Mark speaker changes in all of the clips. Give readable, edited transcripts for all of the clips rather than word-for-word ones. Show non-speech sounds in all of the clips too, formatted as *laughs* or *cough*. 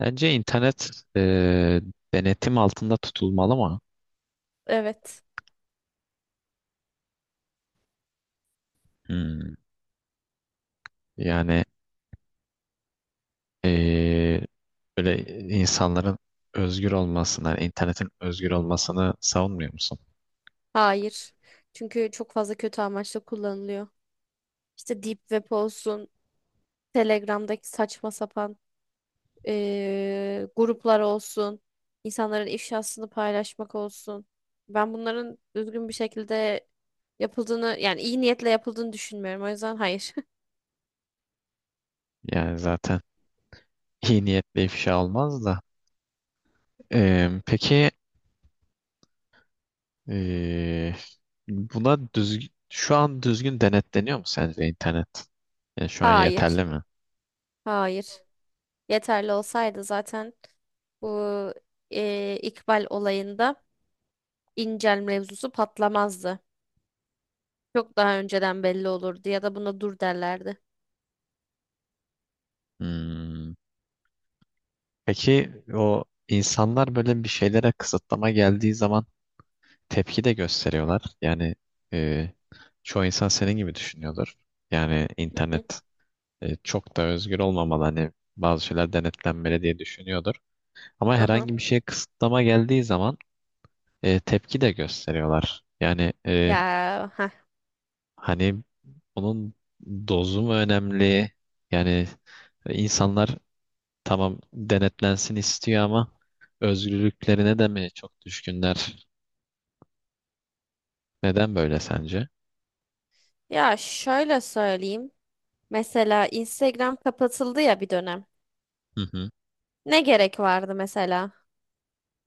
Speaker 1: Bence internet e, denetim altında tutulmalı mı?
Speaker 2: Evet.
Speaker 1: Hmm. Yani e, böyle insanların özgür olmasını, yani internetin özgür olmasını savunmuyor musun?
Speaker 2: Hayır. Çünkü çok fazla kötü amaçla kullanılıyor. İşte Deep Web olsun, Telegram'daki saçma sapan gruplar olsun, insanların ifşasını paylaşmak olsun. Ben bunların düzgün bir şekilde yapıldığını, yani iyi niyetle yapıldığını düşünmüyorum. O yüzden hayır.
Speaker 1: Yani zaten *laughs* iyi niyetle ifşa olmaz da. Peki e, buna düzgün, şu an düzgün denetleniyor mu sence internet? Yani
Speaker 2: *laughs*
Speaker 1: şu an
Speaker 2: Hayır.
Speaker 1: yeterli mi?
Speaker 2: Hayır. Yeterli olsaydı zaten bu İkbal olayında İncel mevzusu patlamazdı. Çok daha önceden belli olurdu ya da buna dur derlerdi.
Speaker 1: Hmm. Peki o insanlar böyle bir şeylere kısıtlama geldiği zaman tepki de gösteriyorlar. Yani e, çoğu insan senin gibi düşünüyordur. Yani
Speaker 2: Hı hı.
Speaker 1: internet çok da özgür olmamalı. Hani bazı şeyler denetlenmeli diye düşünüyordur. Ama
Speaker 2: Aha.
Speaker 1: herhangi bir şeye kısıtlama geldiği zaman tepki de gösteriyorlar. Yani
Speaker 2: Ya ha.
Speaker 1: hani onun dozu mu önemli? Yani insanlar tamam denetlensin istiyor ama özgürlüklerine de mi çok düşkünler? Neden böyle sence?
Speaker 2: Ya şöyle söyleyeyim. Mesela Instagram kapatıldı ya bir dönem.
Speaker 1: Hı hı.
Speaker 2: Ne gerek vardı mesela?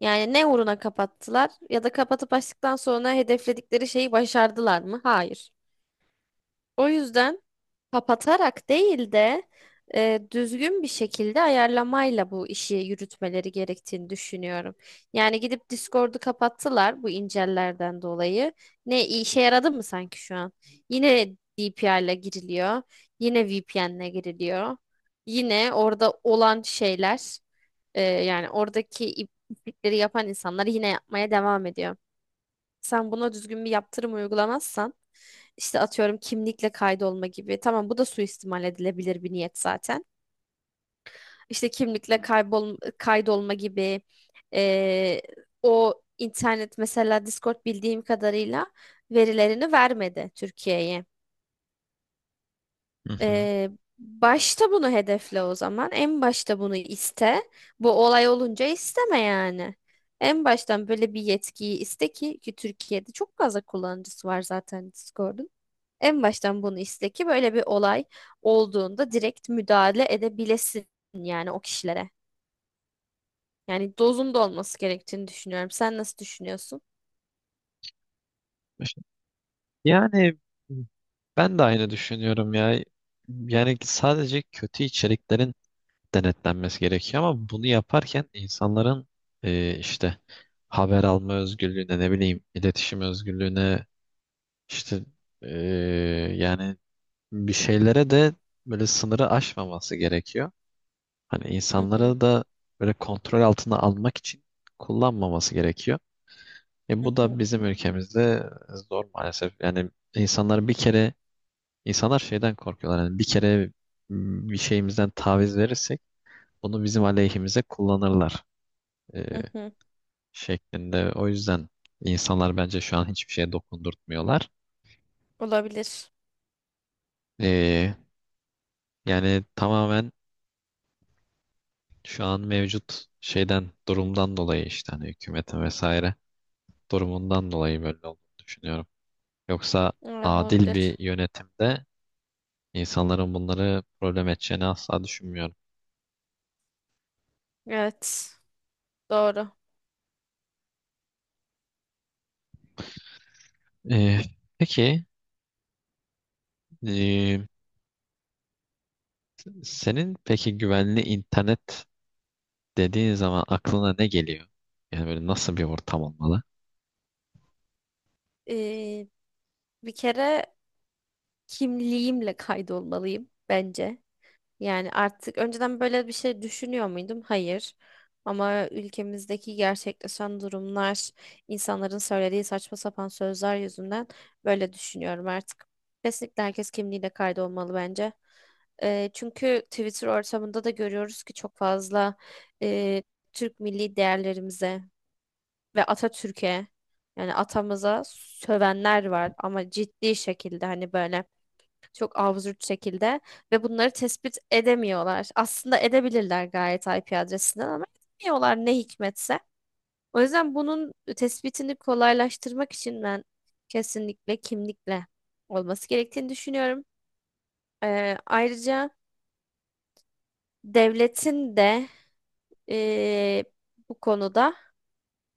Speaker 2: Yani ne uğruna kapattılar ya da kapatıp açtıktan sonra hedefledikleri şeyi başardılar mı? Hayır. O yüzden kapatarak değil de düzgün bir şekilde ayarlamayla bu işi yürütmeleri gerektiğini düşünüyorum. Yani gidip Discord'u kapattılar bu incellerden dolayı. Ne işe yaradı mı sanki şu an? Yine DPI ile giriliyor. Yine VPN ile giriliyor. Yine orada olan şeyler yani oradaki iplikleri yapan insanlar yine yapmaya devam ediyor. Sen buna düzgün bir yaptırım uygulamazsan işte atıyorum kimlikle kaydolma gibi. Tamam bu da suistimal edilebilir bir niyet zaten. İşte kimlikle kaydolma gibi eee, o internet mesela Discord bildiğim kadarıyla verilerini vermedi Türkiye'ye.
Speaker 1: Hı hı.
Speaker 2: Eee, Başta bunu hedefle o zaman. En başta bunu iste. Bu olay olunca isteme yani. En baştan böyle bir yetkiyi iste ki Türkiye'de çok fazla kullanıcısı var zaten Discord'un. En baştan bunu iste ki böyle bir olay olduğunda direkt müdahale edebilesin yani o kişilere. Yani dozunda olması gerektiğini düşünüyorum. Sen nasıl düşünüyorsun?
Speaker 1: Yani ben de aynı düşünüyorum ya. Yani sadece kötü içeriklerin denetlenmesi gerekiyor ama bunu yaparken insanların işte haber alma özgürlüğüne ne bileyim iletişim özgürlüğüne işte, e, yani bir şeylere de böyle sınırı aşmaması gerekiyor. Hani
Speaker 2: Hı hı,
Speaker 1: insanları da böyle kontrol altına almak için kullanmaması gerekiyor.
Speaker 2: hı
Speaker 1: Bu
Speaker 2: hı,
Speaker 1: da bizim ülkemizde zor maalesef. Yani insanlar bir kere. İnsanlar şeyden korkuyorlar. Yani bir kere bir şeyimizden taviz verirsek bunu bizim aleyhimize kullanırlar e,
Speaker 2: hı hı.
Speaker 1: şeklinde. O yüzden insanlar bence şu an hiçbir şeye dokundurtmuyorlar.
Speaker 2: Olabilir.
Speaker 1: E, Yani tamamen şu an mevcut şeyden durumdan dolayı işte hani hükümetin vesaire durumundan dolayı böyle olduğunu düşünüyorum. Yoksa
Speaker 2: Evet,
Speaker 1: adil
Speaker 2: olabilir.
Speaker 1: bir yönetimde insanların bunları problem edeceğini asla düşünmüyorum.
Speaker 2: Evet, doğru.
Speaker 1: E, peki e, Senin peki güvenli internet dediğin zaman aklına ne geliyor? Yani böyle nasıl bir ortam olmalı?
Speaker 2: Ee, Bir kere kimliğimle kaydolmalıyım bence. Yani artık önceden böyle bir şey düşünüyor muydum? Hayır. Ama ülkemizdeki gerçekleşen durumlar, insanların söylediği saçma sapan sözler yüzünden böyle düşünüyorum artık. Kesinlikle herkes kimliğiyle kaydolmalı bence. Çünkü Twitter ortamında da görüyoruz ki çok fazla eee, Türk milli değerlerimize ve Atatürk'e yani atamıza sövenler var ama ciddi şekilde hani böyle. Çok absürt şekilde ve bunları tespit edemiyorlar. Aslında edebilirler gayet IP adresinden ama edemiyorlar ne hikmetse. O yüzden bunun tespitini kolaylaştırmak için ben kesinlikle kimlikle olması gerektiğini düşünüyorum. Ayrıca devletin de ee, bu konuda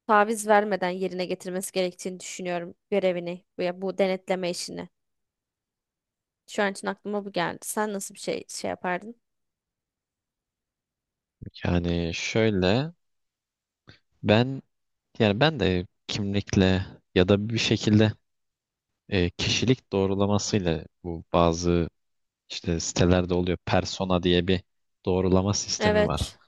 Speaker 2: taviz vermeden yerine getirmesi gerektiğini düşünüyorum görevini veya bu denetleme işini. Şu an için aklıma bu geldi. Sen nasıl bir şey yapardın?
Speaker 1: Yani şöyle, ben ben de kimlikle ya da bir şekilde kişilik doğrulamasıyla, bu bazı işte sitelerde oluyor, persona diye bir doğrulama sistemi var.
Speaker 2: Evet,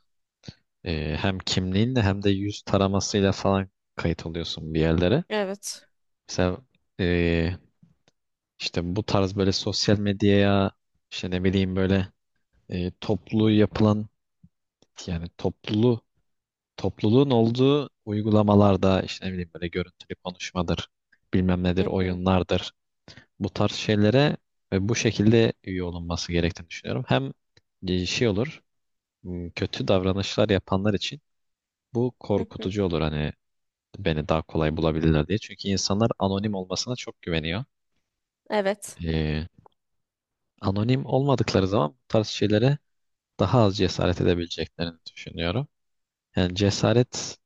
Speaker 1: Hem kimliğinle hem de yüz taramasıyla falan kayıt oluyorsun bir yerlere.
Speaker 2: evet.
Speaker 1: Mesela e, işte bu tarz böyle sosyal medyaya, işte ne bileyim böyle toplu yapılan, yani topluluğun olduğu uygulamalarda, işte ne bileyim böyle görüntülü konuşmadır, bilmem nedir,
Speaker 2: Hı hı.
Speaker 1: oyunlardır. Bu tarz şeylere ve bu şekilde üye olunması gerektiğini düşünüyorum. Hem şey olur, kötü davranışlar yapanlar için bu
Speaker 2: Hı hı.
Speaker 1: korkutucu olur, hani beni daha kolay bulabilirler diye. Çünkü insanlar anonim olmasına çok güveniyor.
Speaker 2: Evet.
Speaker 1: E, Anonim olmadıkları zaman bu tarz şeylere daha az cesaret edebileceklerini düşünüyorum. Yani cesaret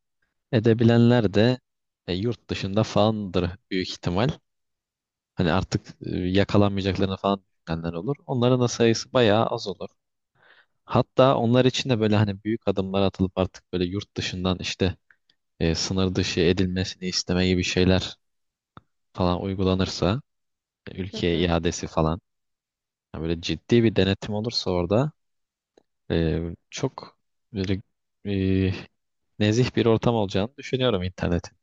Speaker 1: edebilenler de yurt dışında falandır büyük ihtimal. Hani artık yakalanmayacaklarını falan düşünenler olur. Onların da sayısı bayağı az olur. Hatta onlar için de böyle, hani büyük adımlar atılıp artık böyle yurt dışından, işte sınır dışı edilmesini isteme gibi şeyler falan uygulanırsa,
Speaker 2: Hı
Speaker 1: ülkeye
Speaker 2: hı.
Speaker 1: iadesi falan, yani böyle ciddi bir denetim olursa orada e, çok böyle e, nezih bir ortam olacağını düşünüyorum internetin.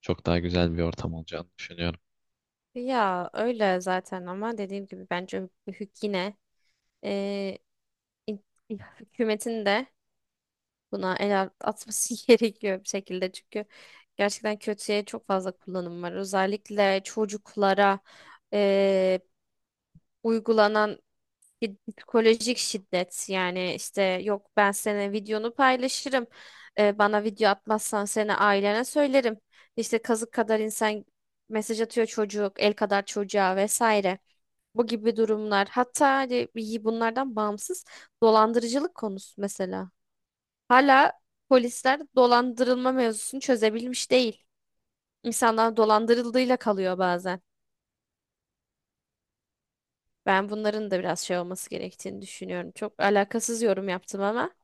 Speaker 1: Çok daha güzel bir ortam olacağını düşünüyorum.
Speaker 2: Ya öyle zaten ama dediğim gibi bence yine eee, in- hükümetin de buna atması *laughs* gerekiyor bir şekilde çünkü gerçekten kötüye çok fazla kullanım var. Özellikle çocuklara eee uygulanan bir psikolojik şiddet, yani işte yok ben senin videonu paylaşırım. Bana video atmazsan seni ailene söylerim, işte kazık kadar insan mesaj atıyor çocuk, el kadar çocuğa vesaire, bu gibi durumlar. Hatta hani iyi bunlardan bağımsız dolandırıcılık konusu mesela, hala polisler dolandırılma mevzusunu çözebilmiş değil, insanlar dolandırıldığıyla kalıyor bazen. Ben bunların da biraz şey olması gerektiğini düşünüyorum, çok alakasız yorum yaptım ama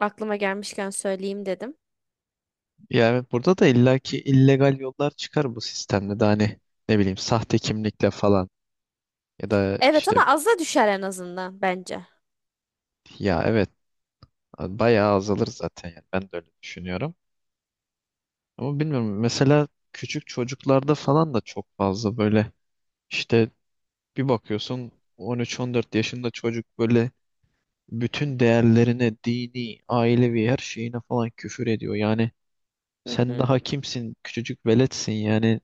Speaker 2: aklıma gelmişken söyleyeyim dedim.
Speaker 1: Ya evet, burada da illaki illegal yollar çıkar bu sistemde de, hani ne bileyim sahte kimlikle falan ya da
Speaker 2: Evet
Speaker 1: işte.
Speaker 2: ama az da düşer en azından bence.
Speaker 1: Ya evet, bayağı azalır zaten, yani ben de öyle düşünüyorum. Ama bilmiyorum, mesela küçük çocuklarda falan da çok fazla böyle işte, bir bakıyorsun 13-14 yaşında çocuk böyle bütün değerlerine, dini, ailevi her şeyine falan küfür ediyor. Yani
Speaker 2: Hı
Speaker 1: sen
Speaker 2: hı.
Speaker 1: daha kimsin? Küçücük veletsin yani.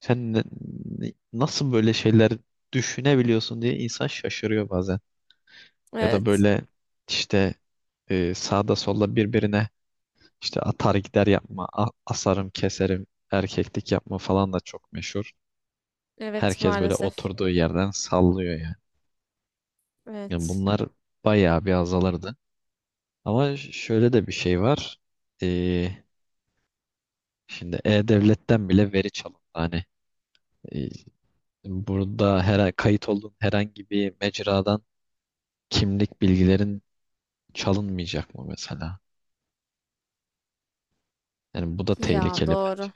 Speaker 1: Sen nasıl böyle şeyler düşünebiliyorsun diye insan şaşırıyor bazen. Ya da
Speaker 2: Evet.
Speaker 1: böyle işte sağda solda birbirine işte atar gider yapma, asarım keserim, erkeklik yapma falan da çok meşhur.
Speaker 2: Evet
Speaker 1: Herkes böyle
Speaker 2: maalesef.
Speaker 1: oturduğu yerden sallıyor yani. Yani
Speaker 2: Evet.
Speaker 1: bunlar bayağı bir azalırdı. Ama şöyle de bir şey var. E, Şimdi E-Devlet'ten bile veri çalındı. Hani e, burada her kayıt olduğun herhangi bir mecradan kimlik bilgilerin çalınmayacak mı mesela? Yani bu da
Speaker 2: Ya
Speaker 1: tehlikeli bence.
Speaker 2: doğru.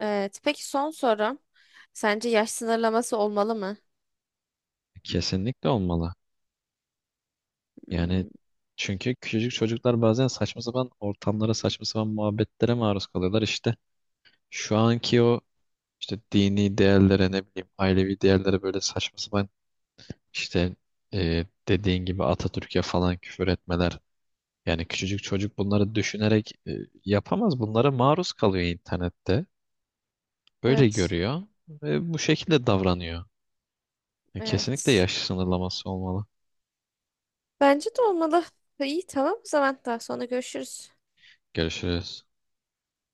Speaker 2: Evet. Peki son sorum. Sence yaş sınırlaması olmalı mı?
Speaker 1: Kesinlikle olmalı. Yani
Speaker 2: Hmm.
Speaker 1: çünkü küçücük çocuklar bazen saçma sapan ortamlara, saçma sapan muhabbetlere maruz kalıyorlar. İşte şu anki o işte dini değerlere, ne bileyim ailevi değerlere, böyle saçma sapan işte, dediğin gibi Atatürk'e falan küfür etmeler. Yani küçücük çocuk bunları düşünerek yapamaz. Bunlara maruz kalıyor internette. Böyle
Speaker 2: Evet.
Speaker 1: görüyor ve bu şekilde davranıyor. Kesinlikle
Speaker 2: Evet.
Speaker 1: yaş sınırlaması olmalı.
Speaker 2: Bence de olmalı. İyi tamam o zaman daha sonra görüşürüz.
Speaker 1: Görüşürüz.